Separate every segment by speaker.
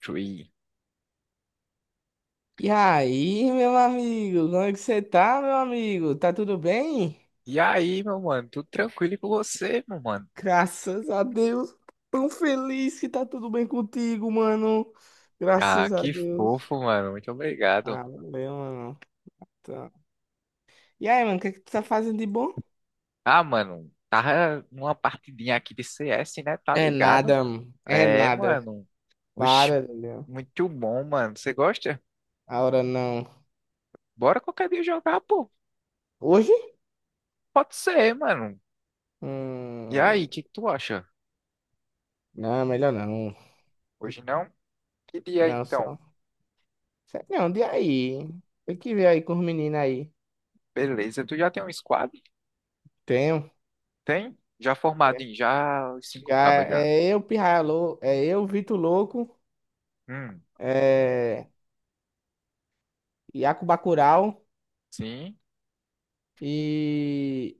Speaker 1: Chui.
Speaker 2: E aí, meu amigo, como é que você tá, meu amigo? Tá tudo bem?
Speaker 1: E aí, meu mano, tudo tranquilo e com você, meu mano?
Speaker 2: Graças a Deus, tão feliz que tá tudo bem contigo, mano.
Speaker 1: Ah,
Speaker 2: Graças a
Speaker 1: que
Speaker 2: Deus.
Speaker 1: fofo, mano, muito obrigado.
Speaker 2: Ah, valeu, mano. Tá. E aí, mano, o que é que tu tá fazendo de bom?
Speaker 1: Ah, mano, tava numa partidinha aqui de CS, né? Tá
Speaker 2: É
Speaker 1: ligado?
Speaker 2: nada, mano. É
Speaker 1: É,
Speaker 2: nada.
Speaker 1: mano, oxe,
Speaker 2: Para, meu.
Speaker 1: muito bom, mano. Você gosta?
Speaker 2: A hora não.
Speaker 1: Bora qualquer dia jogar, pô.
Speaker 2: Hoje?
Speaker 1: Pode ser, mano. E aí, o
Speaker 2: Hum,
Speaker 1: que que tu acha?
Speaker 2: não, melhor não.
Speaker 1: Hoje não? Que dia
Speaker 2: Não,
Speaker 1: então?
Speaker 2: só. Não, de aí? Tem que ver aí com os meninos aí.
Speaker 1: Beleza, tu já tem um squad?
Speaker 2: Tenho.
Speaker 1: Tem? Já formado em já os cinco
Speaker 2: Já
Speaker 1: cabas já.
Speaker 2: é eu, Vitor Louco,
Speaker 1: Hum,
Speaker 2: é Iaco Bacurau
Speaker 1: sim.
Speaker 2: e,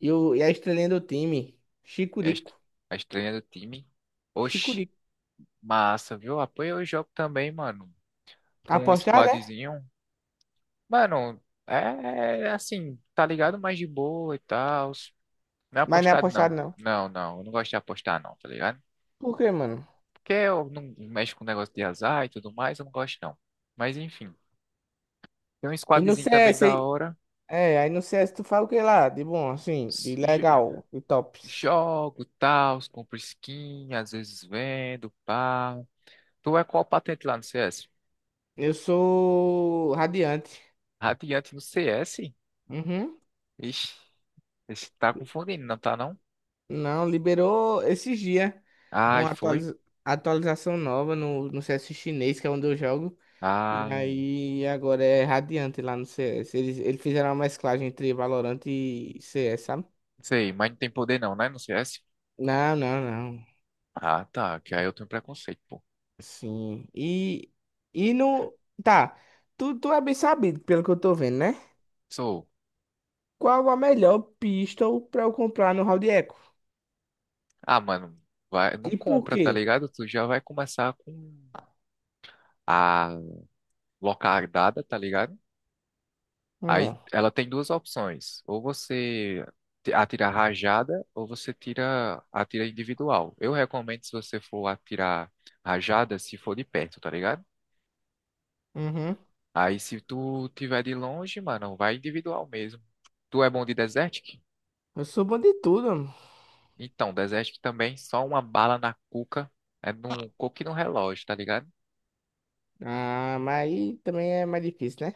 Speaker 2: e a estrelinha do time,
Speaker 1: É a est-
Speaker 2: Chicurico.
Speaker 1: a estreia do time. Oxi,
Speaker 2: Chicurico.
Speaker 1: massa, viu? Apoia o jogo também, mano. Com um
Speaker 2: Apostado, é?
Speaker 1: squadzinho. Mano, é assim, tá ligado? Mais de boa e tal. Não é
Speaker 2: Mas não é
Speaker 1: apostado, não.
Speaker 2: apostado, não.
Speaker 1: Eu não gosto de apostar, não, tá ligado?
Speaker 2: Por quê, mano?
Speaker 1: Porque eu não mexo com negócio de azar e tudo mais, eu não gosto, não. Mas enfim, tem um
Speaker 2: E no
Speaker 1: squadzinho também
Speaker 2: CS
Speaker 1: da
Speaker 2: aí.
Speaker 1: hora.
Speaker 2: É, aí no CS tu fala o que lá? De bom, assim,
Speaker 1: S-
Speaker 2: de
Speaker 1: jo-
Speaker 2: legal, de tops.
Speaker 1: Jogo, tal, compro skin, às vezes vendo, pá. Tu é qual patente lá no CS?
Speaker 2: Eu sou Radiante.
Speaker 1: Radiante no CS?
Speaker 2: Uhum.
Speaker 1: Ixi, esse tá confundindo, não tá não?
Speaker 2: Não, liberou esses dias
Speaker 1: Ai,
Speaker 2: uma
Speaker 1: foi.
Speaker 2: atualização nova no CS chinês, que é onde eu jogo. E
Speaker 1: Ah, não
Speaker 2: aí agora é Radiante lá no CS. Eles fizeram uma mesclagem entre Valorant e CS, sabe?
Speaker 1: sei, mas não tem poder não, né? No CS?
Speaker 2: Não, não, não.
Speaker 1: Ah, tá, que aí eu tenho preconceito, pô.
Speaker 2: Sim. E no. Tá. Tu é bem sabido, pelo que eu tô vendo, né?
Speaker 1: Sou.
Speaker 2: Qual a melhor pistol pra eu comprar no Round Echo?
Speaker 1: Ah, mano, vai, não
Speaker 2: E por
Speaker 1: compra,
Speaker 2: quê?
Speaker 1: tá ligado? Tu já vai começar com a locardada, tá ligado? Aí
Speaker 2: Hum,
Speaker 1: ela tem duas opções. Atira rajada, ou você tira atira individual. Eu recomendo se você for atirar rajada, se for de perto, tá ligado?
Speaker 2: uhum.
Speaker 1: Aí se tu tiver de longe, mano, vai individual mesmo. Tu é bom de Desertic?
Speaker 2: Eu sou bom de tudo, mano.
Speaker 1: Então, Desertic também, só uma bala na cuca, é num coque no relógio, tá ligado?
Speaker 2: Ah, mas aí também é mais difícil, né?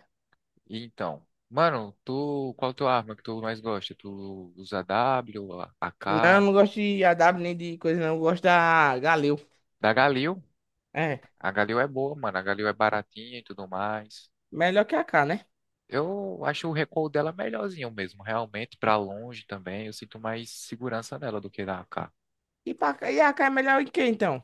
Speaker 1: E então, mano, qual tua arma que tu mais gosta? Tu usa W,
Speaker 2: Não, eu
Speaker 1: AK,
Speaker 2: não gosto de AW nem de coisa, não. Eu gosto da Galil.
Speaker 1: da Galil?
Speaker 2: É,
Speaker 1: A Galil é boa, mano, a Galil é baratinha e tudo mais.
Speaker 2: melhor que a K, né?
Speaker 1: Eu acho o recuo dela melhorzinho mesmo, realmente, pra longe também, eu sinto mais segurança nela do que na AK.
Speaker 2: E paca, e AK é melhor em quê, então?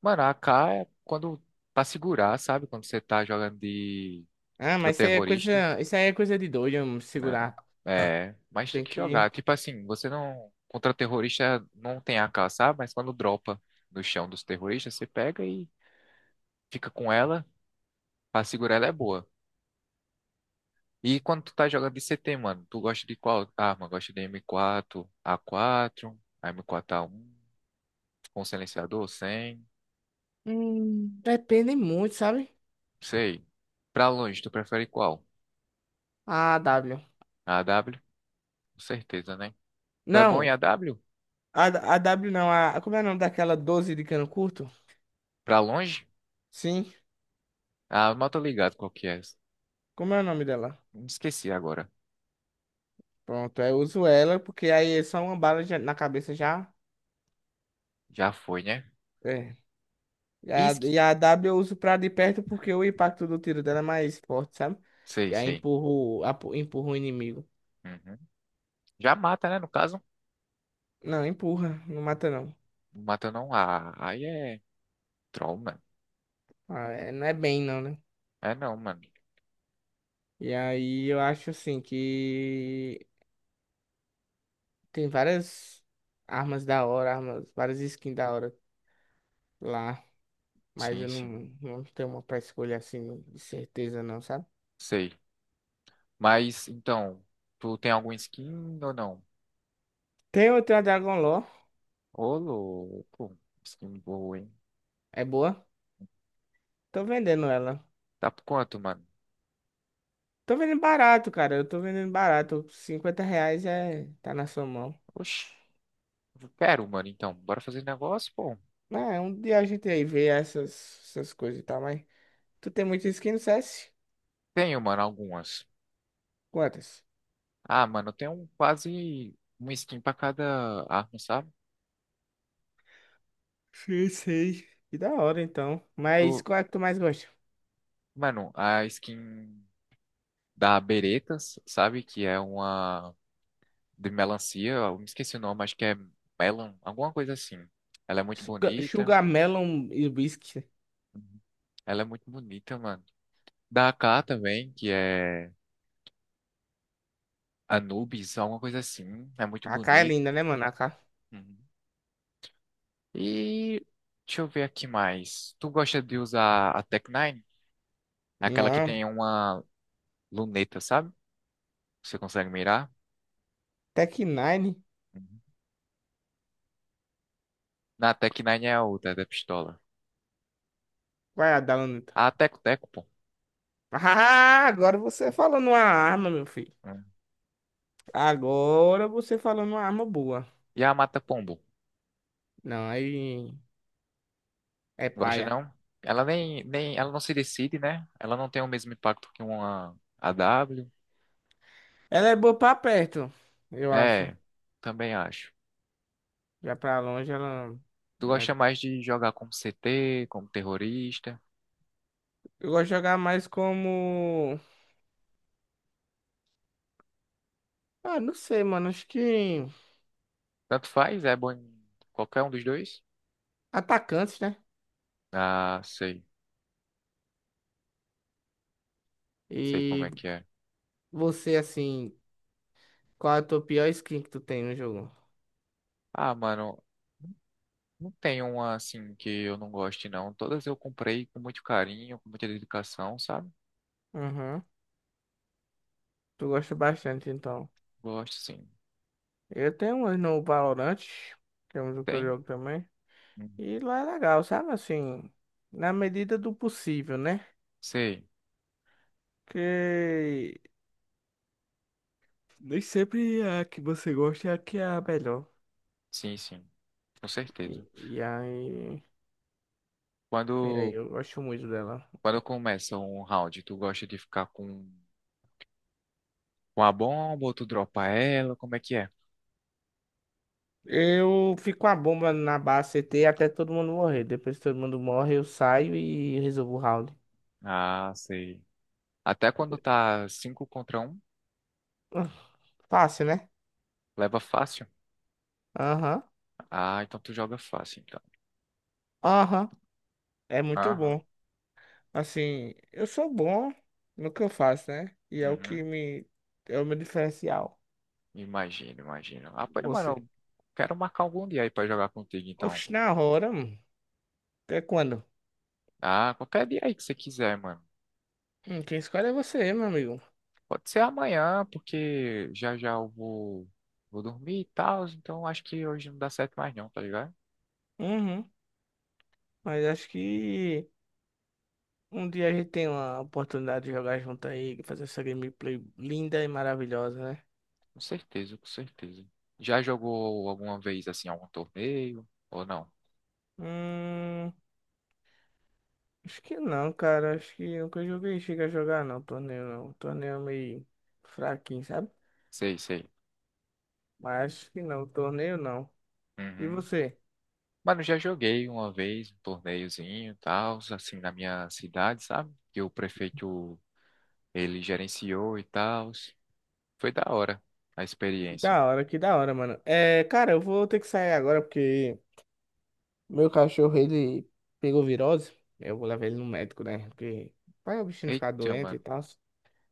Speaker 1: Mano, a AK é quando pra segurar, sabe? Quando você tá jogando de
Speaker 2: Ah,
Speaker 1: contra
Speaker 2: mas
Speaker 1: terrorista,
Speaker 2: isso aí é coisa de doido, eu
Speaker 1: né?
Speaker 2: segurar.
Speaker 1: É, mas tem
Speaker 2: Tem
Speaker 1: que
Speaker 2: que.
Speaker 1: jogar. Tipo assim, você não contra terrorista não tem AK, sabe? Mas quando dropa no chão dos terroristas, você pega e fica com ela pra segurar, ela é boa. E quando tu tá jogando de c CT, mano, tu gosta de qual arma? Gosta de M4, A4, M4A1, com silenciador, sem,
Speaker 2: Depende muito, sabe?
Speaker 1: sei. Pra longe, tu prefere qual?
Speaker 2: A W.
Speaker 1: A AW? Com certeza, né? Tu é bom em
Speaker 2: Não,
Speaker 1: AW?
Speaker 2: a W não, como é o nome daquela 12 de cano curto?
Speaker 1: Pra longe?
Speaker 2: Sim,
Speaker 1: Ah, eu mal tô ligado qual que é.
Speaker 2: como é o nome dela?
Speaker 1: Me esqueci agora.
Speaker 2: Pronto, eu uso ela, porque aí é só uma bala na cabeça já.
Speaker 1: Já foi, né?
Speaker 2: É. E a,
Speaker 1: Isque?
Speaker 2: e a W eu uso pra de perto porque o impacto do tiro dela é mais forte, sabe?
Speaker 1: Sei,
Speaker 2: E aí
Speaker 1: sei.
Speaker 2: empurro, empurro o inimigo.
Speaker 1: Uhum. Já mata, né? No caso.
Speaker 2: Não, empurra, não mata não.
Speaker 1: Não mata não. Ah, aí é troll, mano.
Speaker 2: Ah, não é bem não, né?
Speaker 1: É não, mano.
Speaker 2: E aí eu acho assim que tem várias armas da hora, armas, várias skins da hora lá, mas eu
Speaker 1: Sim, sim.
Speaker 2: não tenho uma pra escolher assim de certeza não, sabe?
Speaker 1: Sei. Mas, então, tu tem algum skin ou não?
Speaker 2: Tem outra a Dragon Lore,
Speaker 1: Ô, louco. Skin boa, hein?
Speaker 2: é boa. Tô vendendo ela.
Speaker 1: Tá por quanto, mano?
Speaker 2: Tô vendendo barato, cara. Eu tô vendendo barato. 50 reais é, tá na sua mão.
Speaker 1: Oxi. Eu quero, mano, então. Bora fazer negócio, pô.
Speaker 2: É, um dia a gente aí vê essas coisas e tal, mas. Tu tem muita skin no CS?
Speaker 1: Tenho, mano, algumas.
Speaker 2: Quantas?
Speaker 1: Ah, mano, tem um quase uma skin pra cada arma, sabe?
Speaker 2: Sei, sei. Que da hora então. Mas
Speaker 1: Do,
Speaker 2: qual é que tu mais gosta?
Speaker 1: mano, a skin da Beretas, sabe? Que é uma de melancia, eu me esqueci o nome, acho que é melon, alguma coisa assim. Ela é muito
Speaker 2: Sugar,
Speaker 1: bonita.
Speaker 2: Sugar Melon e Whisky.
Speaker 1: Uhum. Ela é muito bonita, mano. Da AK também, que é Anubis, alguma coisa assim. É muito
Speaker 2: AK é
Speaker 1: bonito.
Speaker 2: linda, né, mano? AK.
Speaker 1: Uhum. E deixa eu ver aqui mais. Tu gosta de usar a Tech Nine? Aquela que
Speaker 2: Não,
Speaker 1: tem uma luneta, sabe? Você consegue mirar?
Speaker 2: Tech Nine.
Speaker 1: Uhum. Na Tec Nine é a outra, é da pistola.
Speaker 2: Vai, Adalanta.
Speaker 1: A Teco-Teco, pô.
Speaker 2: Ah, agora você falou numa arma, meu filho.
Speaker 1: Uhum.
Speaker 2: Agora você falou numa arma boa.
Speaker 1: E a Mata-Pombo?
Speaker 2: Não, aí é
Speaker 1: Gosta
Speaker 2: paia.
Speaker 1: não? Ela nem, nem, ela não se decide, né? Ela não tem o mesmo impacto que uma AW.
Speaker 2: Ela é boa pra perto, eu acho.
Speaker 1: É, também acho.
Speaker 2: Já pra longe, ela.
Speaker 1: Tu
Speaker 2: Não é-
Speaker 1: gosta mais de jogar como CT, como terrorista?
Speaker 2: Eu gosto de jogar mais como. Ah, não sei, mano. Acho que.
Speaker 1: Tanto faz, é bom em qualquer um dos dois?
Speaker 2: Atacantes, né?
Speaker 1: Ah, sei. Sei como
Speaker 2: E
Speaker 1: é que é.
Speaker 2: você, assim. Qual é a tua pior skin que tu tem no jogo?
Speaker 1: Ah, mano, não tem uma assim que eu não goste, não. Todas eu comprei com muito carinho, com muita dedicação, sabe?
Speaker 2: Uhum. Tu gosta bastante, então.
Speaker 1: Gosto, sim.
Speaker 2: Eu tenho umas no Valorant, que é um que eu
Speaker 1: Tem?
Speaker 2: jogo também.
Speaker 1: Hum.
Speaker 2: E lá é legal, sabe? Assim, na medida do possível, né?
Speaker 1: Sei.
Speaker 2: Que nem sempre a que você gosta é a que é a melhor.
Speaker 1: Sim, sim. Com
Speaker 2: E,
Speaker 1: certeza.
Speaker 2: e aí, e aí,
Speaker 1: Quando,
Speaker 2: eu gosto muito dela.
Speaker 1: quando começa um round, tu gosta de ficar com a bomba ou tu dropa ela? Como é que é?
Speaker 2: Eu fico com a bomba na base CT até todo mundo morrer. Depois que todo mundo morre, eu saio e resolvo o round.
Speaker 1: Ah, sei. Até quando tá 5 contra um
Speaker 2: Ah, fácil, né?
Speaker 1: leva fácil?
Speaker 2: Aham,
Speaker 1: Ah, então tu joga fácil, então.
Speaker 2: aham. É muito
Speaker 1: Aham.
Speaker 2: bom. Assim, eu sou bom no que eu faço, né? E é o que
Speaker 1: Uhum.
Speaker 2: me. É o meu diferencial.
Speaker 1: Imagino. Ah, pô, mano,
Speaker 2: Você.
Speaker 1: eu quero marcar algum dia aí pra jogar contigo, então.
Speaker 2: Oxe, na hora, mano. Até quando?
Speaker 1: Ah, qualquer dia aí que você quiser, mano.
Speaker 2: Quem escolhe é você, meu amigo.
Speaker 1: Pode ser amanhã, porque já já eu vou dormir e tal, então acho que hoje não dá certo mais não, tá ligado?
Speaker 2: Uhum. Mas acho que um dia a gente tem uma oportunidade de jogar junto aí, fazer essa gameplay linda e maravilhosa, né?
Speaker 1: Com certeza. Já jogou alguma vez, assim, algum torneio? Ou não?
Speaker 2: Hum. Acho que não, cara. Acho que nunca joguei. Chega a jogar, não. Torneio não. Torneio é meio fraquinho, sabe?
Speaker 1: Sei, sei.
Speaker 2: Mas acho que não. Torneio não. E
Speaker 1: Uhum.
Speaker 2: você?
Speaker 1: Mano, já joguei uma vez um torneiozinho e tal, assim, na minha cidade, sabe? Que o prefeito, ele gerenciou e tal. Foi da hora a experiência.
Speaker 2: Que da hora, mano. É, cara, eu vou ter que sair agora porque meu cachorro, ele pegou virose. Eu vou levar ele no médico, né? Porque vai o bichinho ficar
Speaker 1: Eita,
Speaker 2: doente e
Speaker 1: mano.
Speaker 2: tal.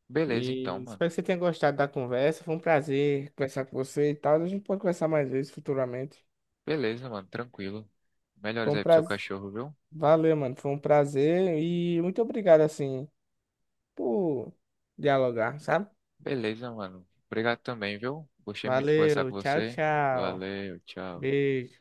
Speaker 1: Beleza então,
Speaker 2: E
Speaker 1: mano.
Speaker 2: espero que você tenha gostado da conversa. Foi um prazer conversar com você e tal. A gente pode conversar mais vezes futuramente.
Speaker 1: Beleza, mano, tranquilo.
Speaker 2: Foi
Speaker 1: Melhores
Speaker 2: um
Speaker 1: aí pro seu
Speaker 2: prazer.
Speaker 1: cachorro, viu?
Speaker 2: Valeu, mano. Foi um prazer e muito obrigado, assim, por dialogar, sabe?
Speaker 1: Beleza, mano. Obrigado também, viu? Gostei muito de conversar
Speaker 2: Valeu,
Speaker 1: com
Speaker 2: tchau,
Speaker 1: você.
Speaker 2: tchau.
Speaker 1: Valeu, tchau.
Speaker 2: Beijo.